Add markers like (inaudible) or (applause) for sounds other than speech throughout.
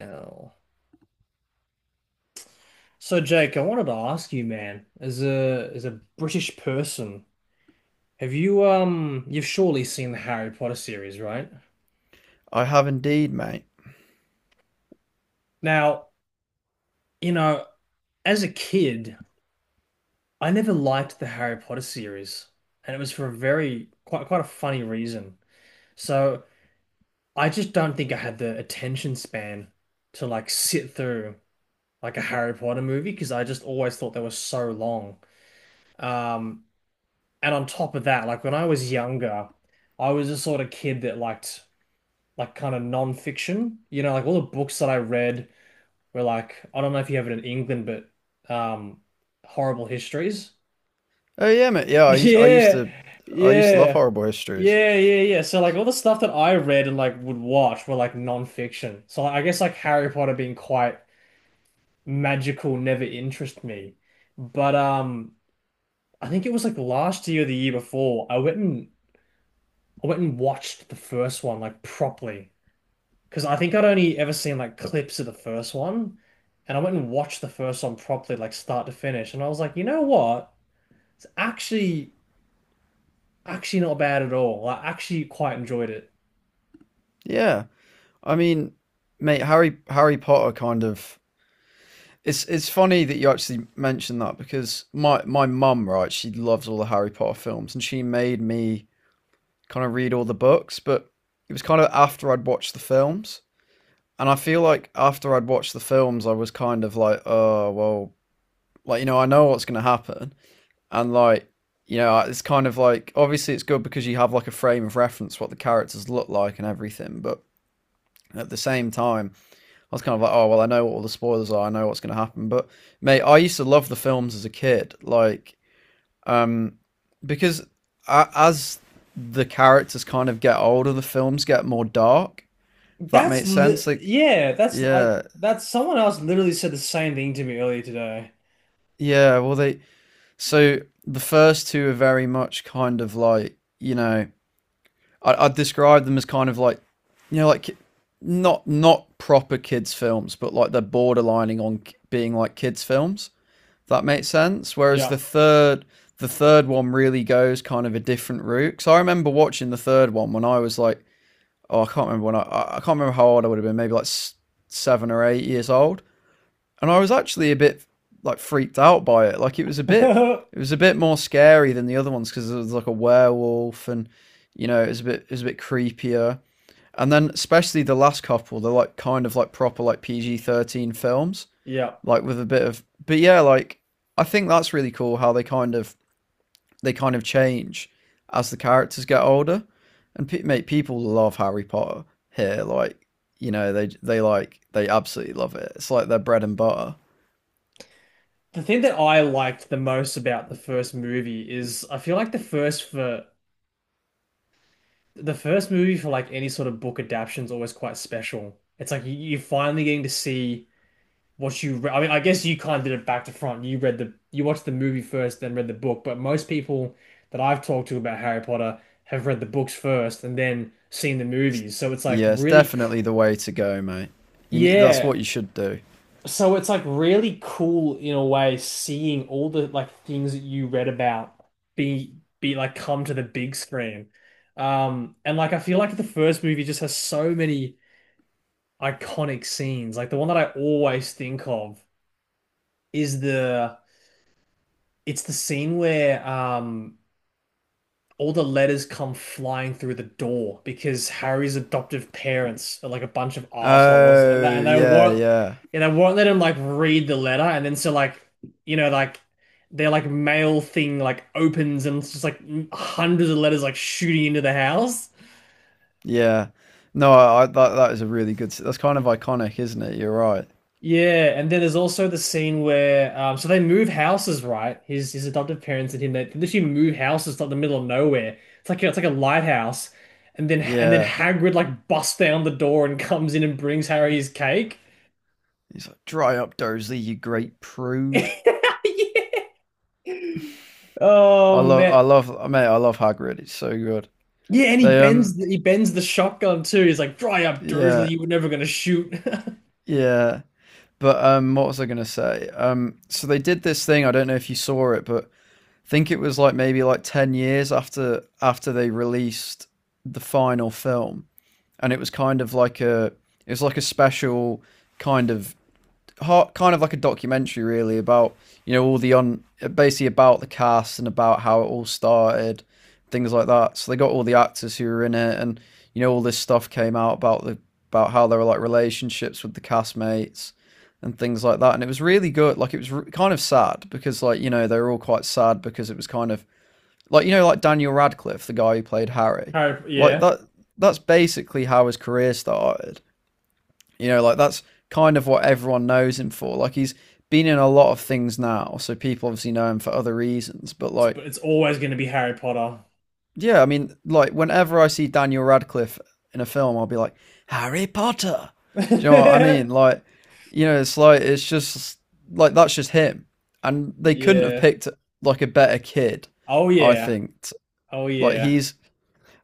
Oh. So Jake, I wanted to ask you, man, as a British person, have you you've surely seen the Harry Potter series, right? I have indeed, mate. Now, you know, as a kid, I never liked the Harry Potter series, and it was for a very quite a funny reason. So I just don't think I had the attention span to like sit through like a Harry Potter movie because I just always thought they were so long. Um, And on top of that, like when I was younger, I was the sort of kid that liked like kind of non-fiction. You know, like all the books that I read were like, I don't know if you have it in England, but um horrible histories. (laughs) Oh yeah, mate. Yeah, I used I used Yeah. to I used to love Yeah. horrible histories. Yeah, yeah, yeah. So like all the stuff that I read and like would watch were like non-fiction. So like, I guess like Harry Potter being quite magical never interested me. But I think it was like last year or the year before, I went and watched the first one like properly because I think I'd only ever seen like clips of the first one, and I went and watched the first one properly, like start to finish, and I was like, you know what? It's actually Actually not bad at all. I actually quite enjoyed it. Yeah. I mean, mate, Harry Potter kind of it's funny that you actually mentioned that because my mum, right, she loves all the Harry Potter films and she made me kind of read all the books, but it was kind of after I'd watched the films. And I feel like after I'd watched the films, I was kind of like, oh, well, like, you know, I know what's going to happen, and like, you know, it's kind of like, obviously it's good because you have like a frame of reference what the characters look like and everything, but at the same time, I was kind of like, oh, well, I know what all the spoilers are, I know what's going to happen, but mate, I used to love the films as a kid, like um because as the characters kind of get older, the films get more dark, if that That's makes li sense. Like, Yeah, yeah. that's someone else literally said the same thing to me earlier today. Yeah, well, they... So the first two are very much kind of like, you know, I'd describe them as kind of like, you know, like not proper kids films, but like they're borderlining on being like kids films. If that makes sense. Whereas the Yeah. third the third one really goes kind of a different route. Because I remember watching the third one when I was like, oh, I can't remember how old I would have been. Maybe like 7 or 8 years old, and I was actually a bit like freaked out by it. Like it was a bit, it (laughs) was a bit more scary than the other ones because it was like a werewolf, and you know, it was a bit creepier. And then especially the last couple, they're like kind of like proper, like PG-13 films, Yeah. like with a bit of. But yeah, like I think that's really cool how they kind of change as the characters get older, and mate, people love Harry Potter here. Like, you know, they like they absolutely love it. It's like their bread and butter. The thing that I liked the most about the first movie is I feel like the first for the first movie for like any sort of book adaptation is always quite special. It's like you're finally getting to see what you re I mean, I guess you kind of did it back to front. You watched the movie first, then read the book. But most people that I've talked to about Harry Potter have read the books first and then seen the movies. So it's like Yeah, it's really, definitely the way to go, mate. You need, that's yeah. what you should do. So it's like really cool in a way seeing all the like things that you read about be like come to the big screen. And like I feel like the first movie just has so many iconic scenes. Like the one that I always think of is the it's the scene where all the letters come flying through the door because Harry's adoptive parents are like a bunch of assholes Oh, yeah, yeah, and they won't let him like read the letter and then so like you know like their like mail thing like opens and it's just like hundreds of letters like shooting into the house. yeah. No, I that is a really good. That's kind of iconic, isn't it? You're right. Yeah, and then there's also the scene where so they move houses, right? His adoptive parents and him, they literally move houses to the middle of nowhere. It's like a lighthouse. And then Yeah, Hagrid like busts down the door and (laughs) comes in and brings Harry his cake. he's like, "Dry up, Dursley, you great prude." (laughs) Yeah. Oh man. I love, mate, I love Hagrid. It's so good. Yeah, and They he bends the shotgun too. He's like, "Dry up, Dursley, Yeah, you were never gonna shoot." yeah. But what was I gonna say? So they did this thing. I don't know if you saw it, but I think it was like maybe like 10 years after they released the final film, and it was kind of like a, it was like a special kind of kind of like a documentary really about, you know, all the on basically about the cast and about how it all started, things like that. So they got all the actors who were in it, and you know all this stuff came out about the, about how there were like relationships with the castmates, and things like that. And it was really good. Like it was kind of sad because like you know they were all quite sad because it was kind of like, you know, like Daniel Radcliffe, the guy who played (laughs) Harry. Harry, Like yeah. that's basically how his career started. You know, like that's kind of what everyone knows him for. Like he's been in a lot of things now, so people obviously know him for other reasons, but like But it's always gonna be Harry Potter. yeah, I mean like whenever I see Daniel Radcliffe in a film, I'll be like Harry Potter. Do you know what I mean? (laughs) Like, you know, it's like it's just like that's just him. And they couldn't have Yeah. picked like a better kid, Oh I yeah. think. Oh Like yeah. he's,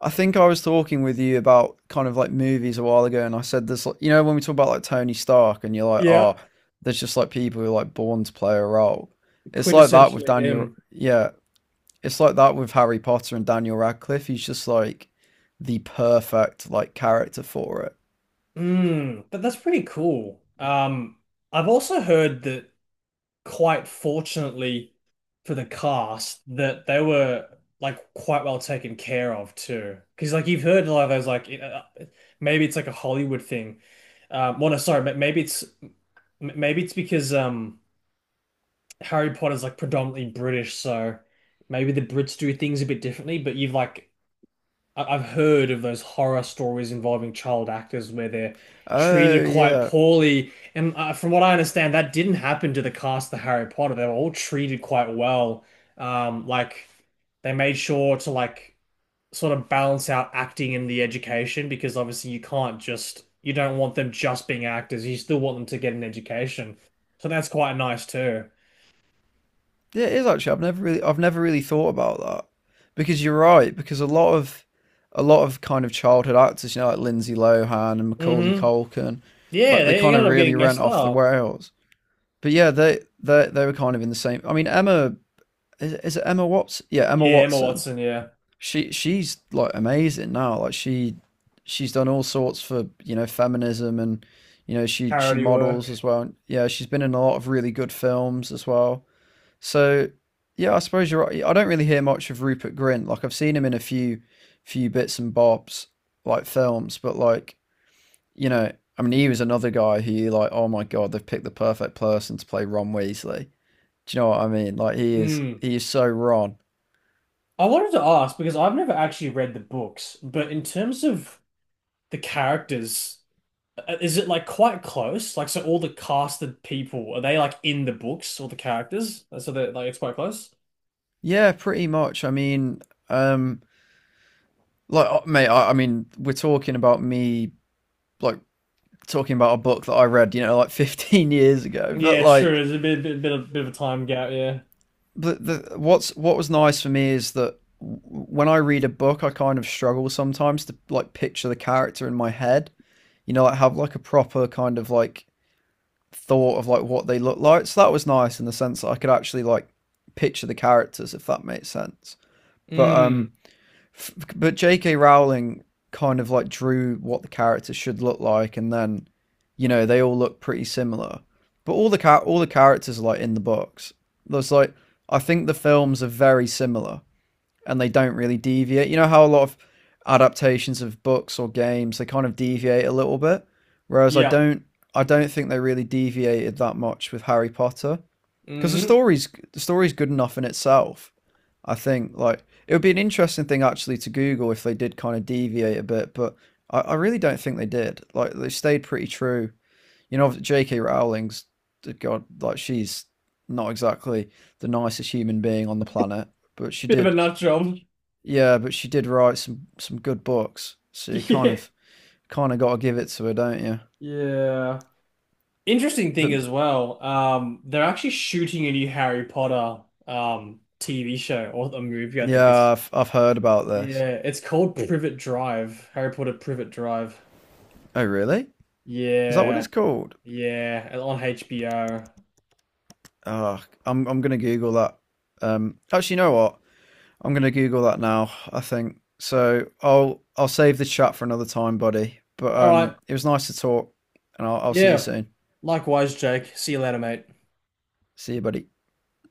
I think I was talking with you about kind of like movies a while ago, and I said this, like, you know, when we talk about like Tony Stark, and you're like, Yeah, oh, there's just like people who are like born to play a role. It's like that with quintessentially Daniel. him. Yeah, it's like that with Harry Potter and Daniel Radcliffe. He's just like the perfect like character for it. Mm, but that's pretty cool. I've also heard that quite fortunately for the cast that they were like quite well taken care of too. Because like you've heard a lot of those like you know, maybe it's like a Hollywood thing. Well, no, sorry, maybe maybe it's because Harry Potter's like predominantly British, so maybe the Brits do things a bit differently. But you've like I've heard of those horror stories involving child actors where they're Oh treated quite yeah. poorly. And from what I understand, that didn't happen to the cast of Harry Potter. They were all treated quite well. Like they made sure to like sort of balance out acting and the education because obviously you don't want them just being actors. You still want them to get an education. So that's quite nice too. Yeah, it is actually. I've never really thought about that because you're right. Because a lot of kind of childhood actors, you know, like Lindsay Lohan and Macaulay Hmm. Culkin, Yeah, like they they kind of ended up really getting rent messed off the up. rails. But yeah, they were kind of in the same. I mean, Emma is it Emma Watson? Yeah, Emma Yeah, Emma Watson. Watson, yeah. She's like amazing now. Like she's done all sorts for, you know, feminism, and you know she Parody models work. as well. Yeah, she's been in a lot of really good films as well. So yeah, I suppose you're right. I don't really hear much of Rupert Grint. Like I've seen him in a few bits and bobs, like films, but like, you know, I mean he was another guy who you like, oh my god, they've picked the perfect person to play Ron Weasley. Do you know what I mean? Like Mm. he is so Ron. I wanted to ask because I've never actually read the books, but in terms of the characters, is it like quite close? Like, so all the casted people, are they like in the books, all the characters? So that like, it's quite close? Yeah, pretty much. I mean, um like mate, I mean, we're talking about me like talking about a book that I read, you know, like (laughs) 15 years ago, but Yeah, like true. There's a bit of a time gap, yeah. the what was nice for me is that when I read a book, I kind of struggle sometimes to like picture the character in my head. You know, like have like a proper kind of like thought of like what they look like. So that was nice in the sense that I could actually like picture the characters, if that makes sense. But Mm, um but J.K. Rowling kind of like drew what the characters should look like, and then you know they all look pretty similar. But all the all the characters are like in the books. There's like, I think the films are very similar, and they don't really deviate. You know how a lot of adaptations of books or games they kind of deviate a little bit, whereas I yeah. don't I don't think they really deviated that much with Harry Potter because the Hmm. story's the story's good enough in itself. I think like it would be an interesting thing actually to Google if they did kind of deviate a bit, but I really don't think they did. Like they stayed pretty true. You know, J.K. Rowling's God, like she's not exactly the nicest human being on the planet, but she Bit of a did, nut job. yeah, but she did write some good books. (laughs) So you kind Yeah. of kind of got to give it to her, don't you? Yeah. Interesting thing But as well, they're actually shooting a new Harry Potter TV show or a movie, I think. yeah, I've heard about this. Yeah, it's called Privet Drive. Harry Potter Privet Drive. Oh, really? Is that what it's Yeah, called? yeah, and on HBO. Oh, I'm gonna Google that. Actually, you know what? I'm gonna Google that now, I think. So I'll save the chat for another time, buddy. But All right. um, it was nice to talk, and I'll see you Yeah. soon. Likewise, Jake. See you later, mate. See you, buddy.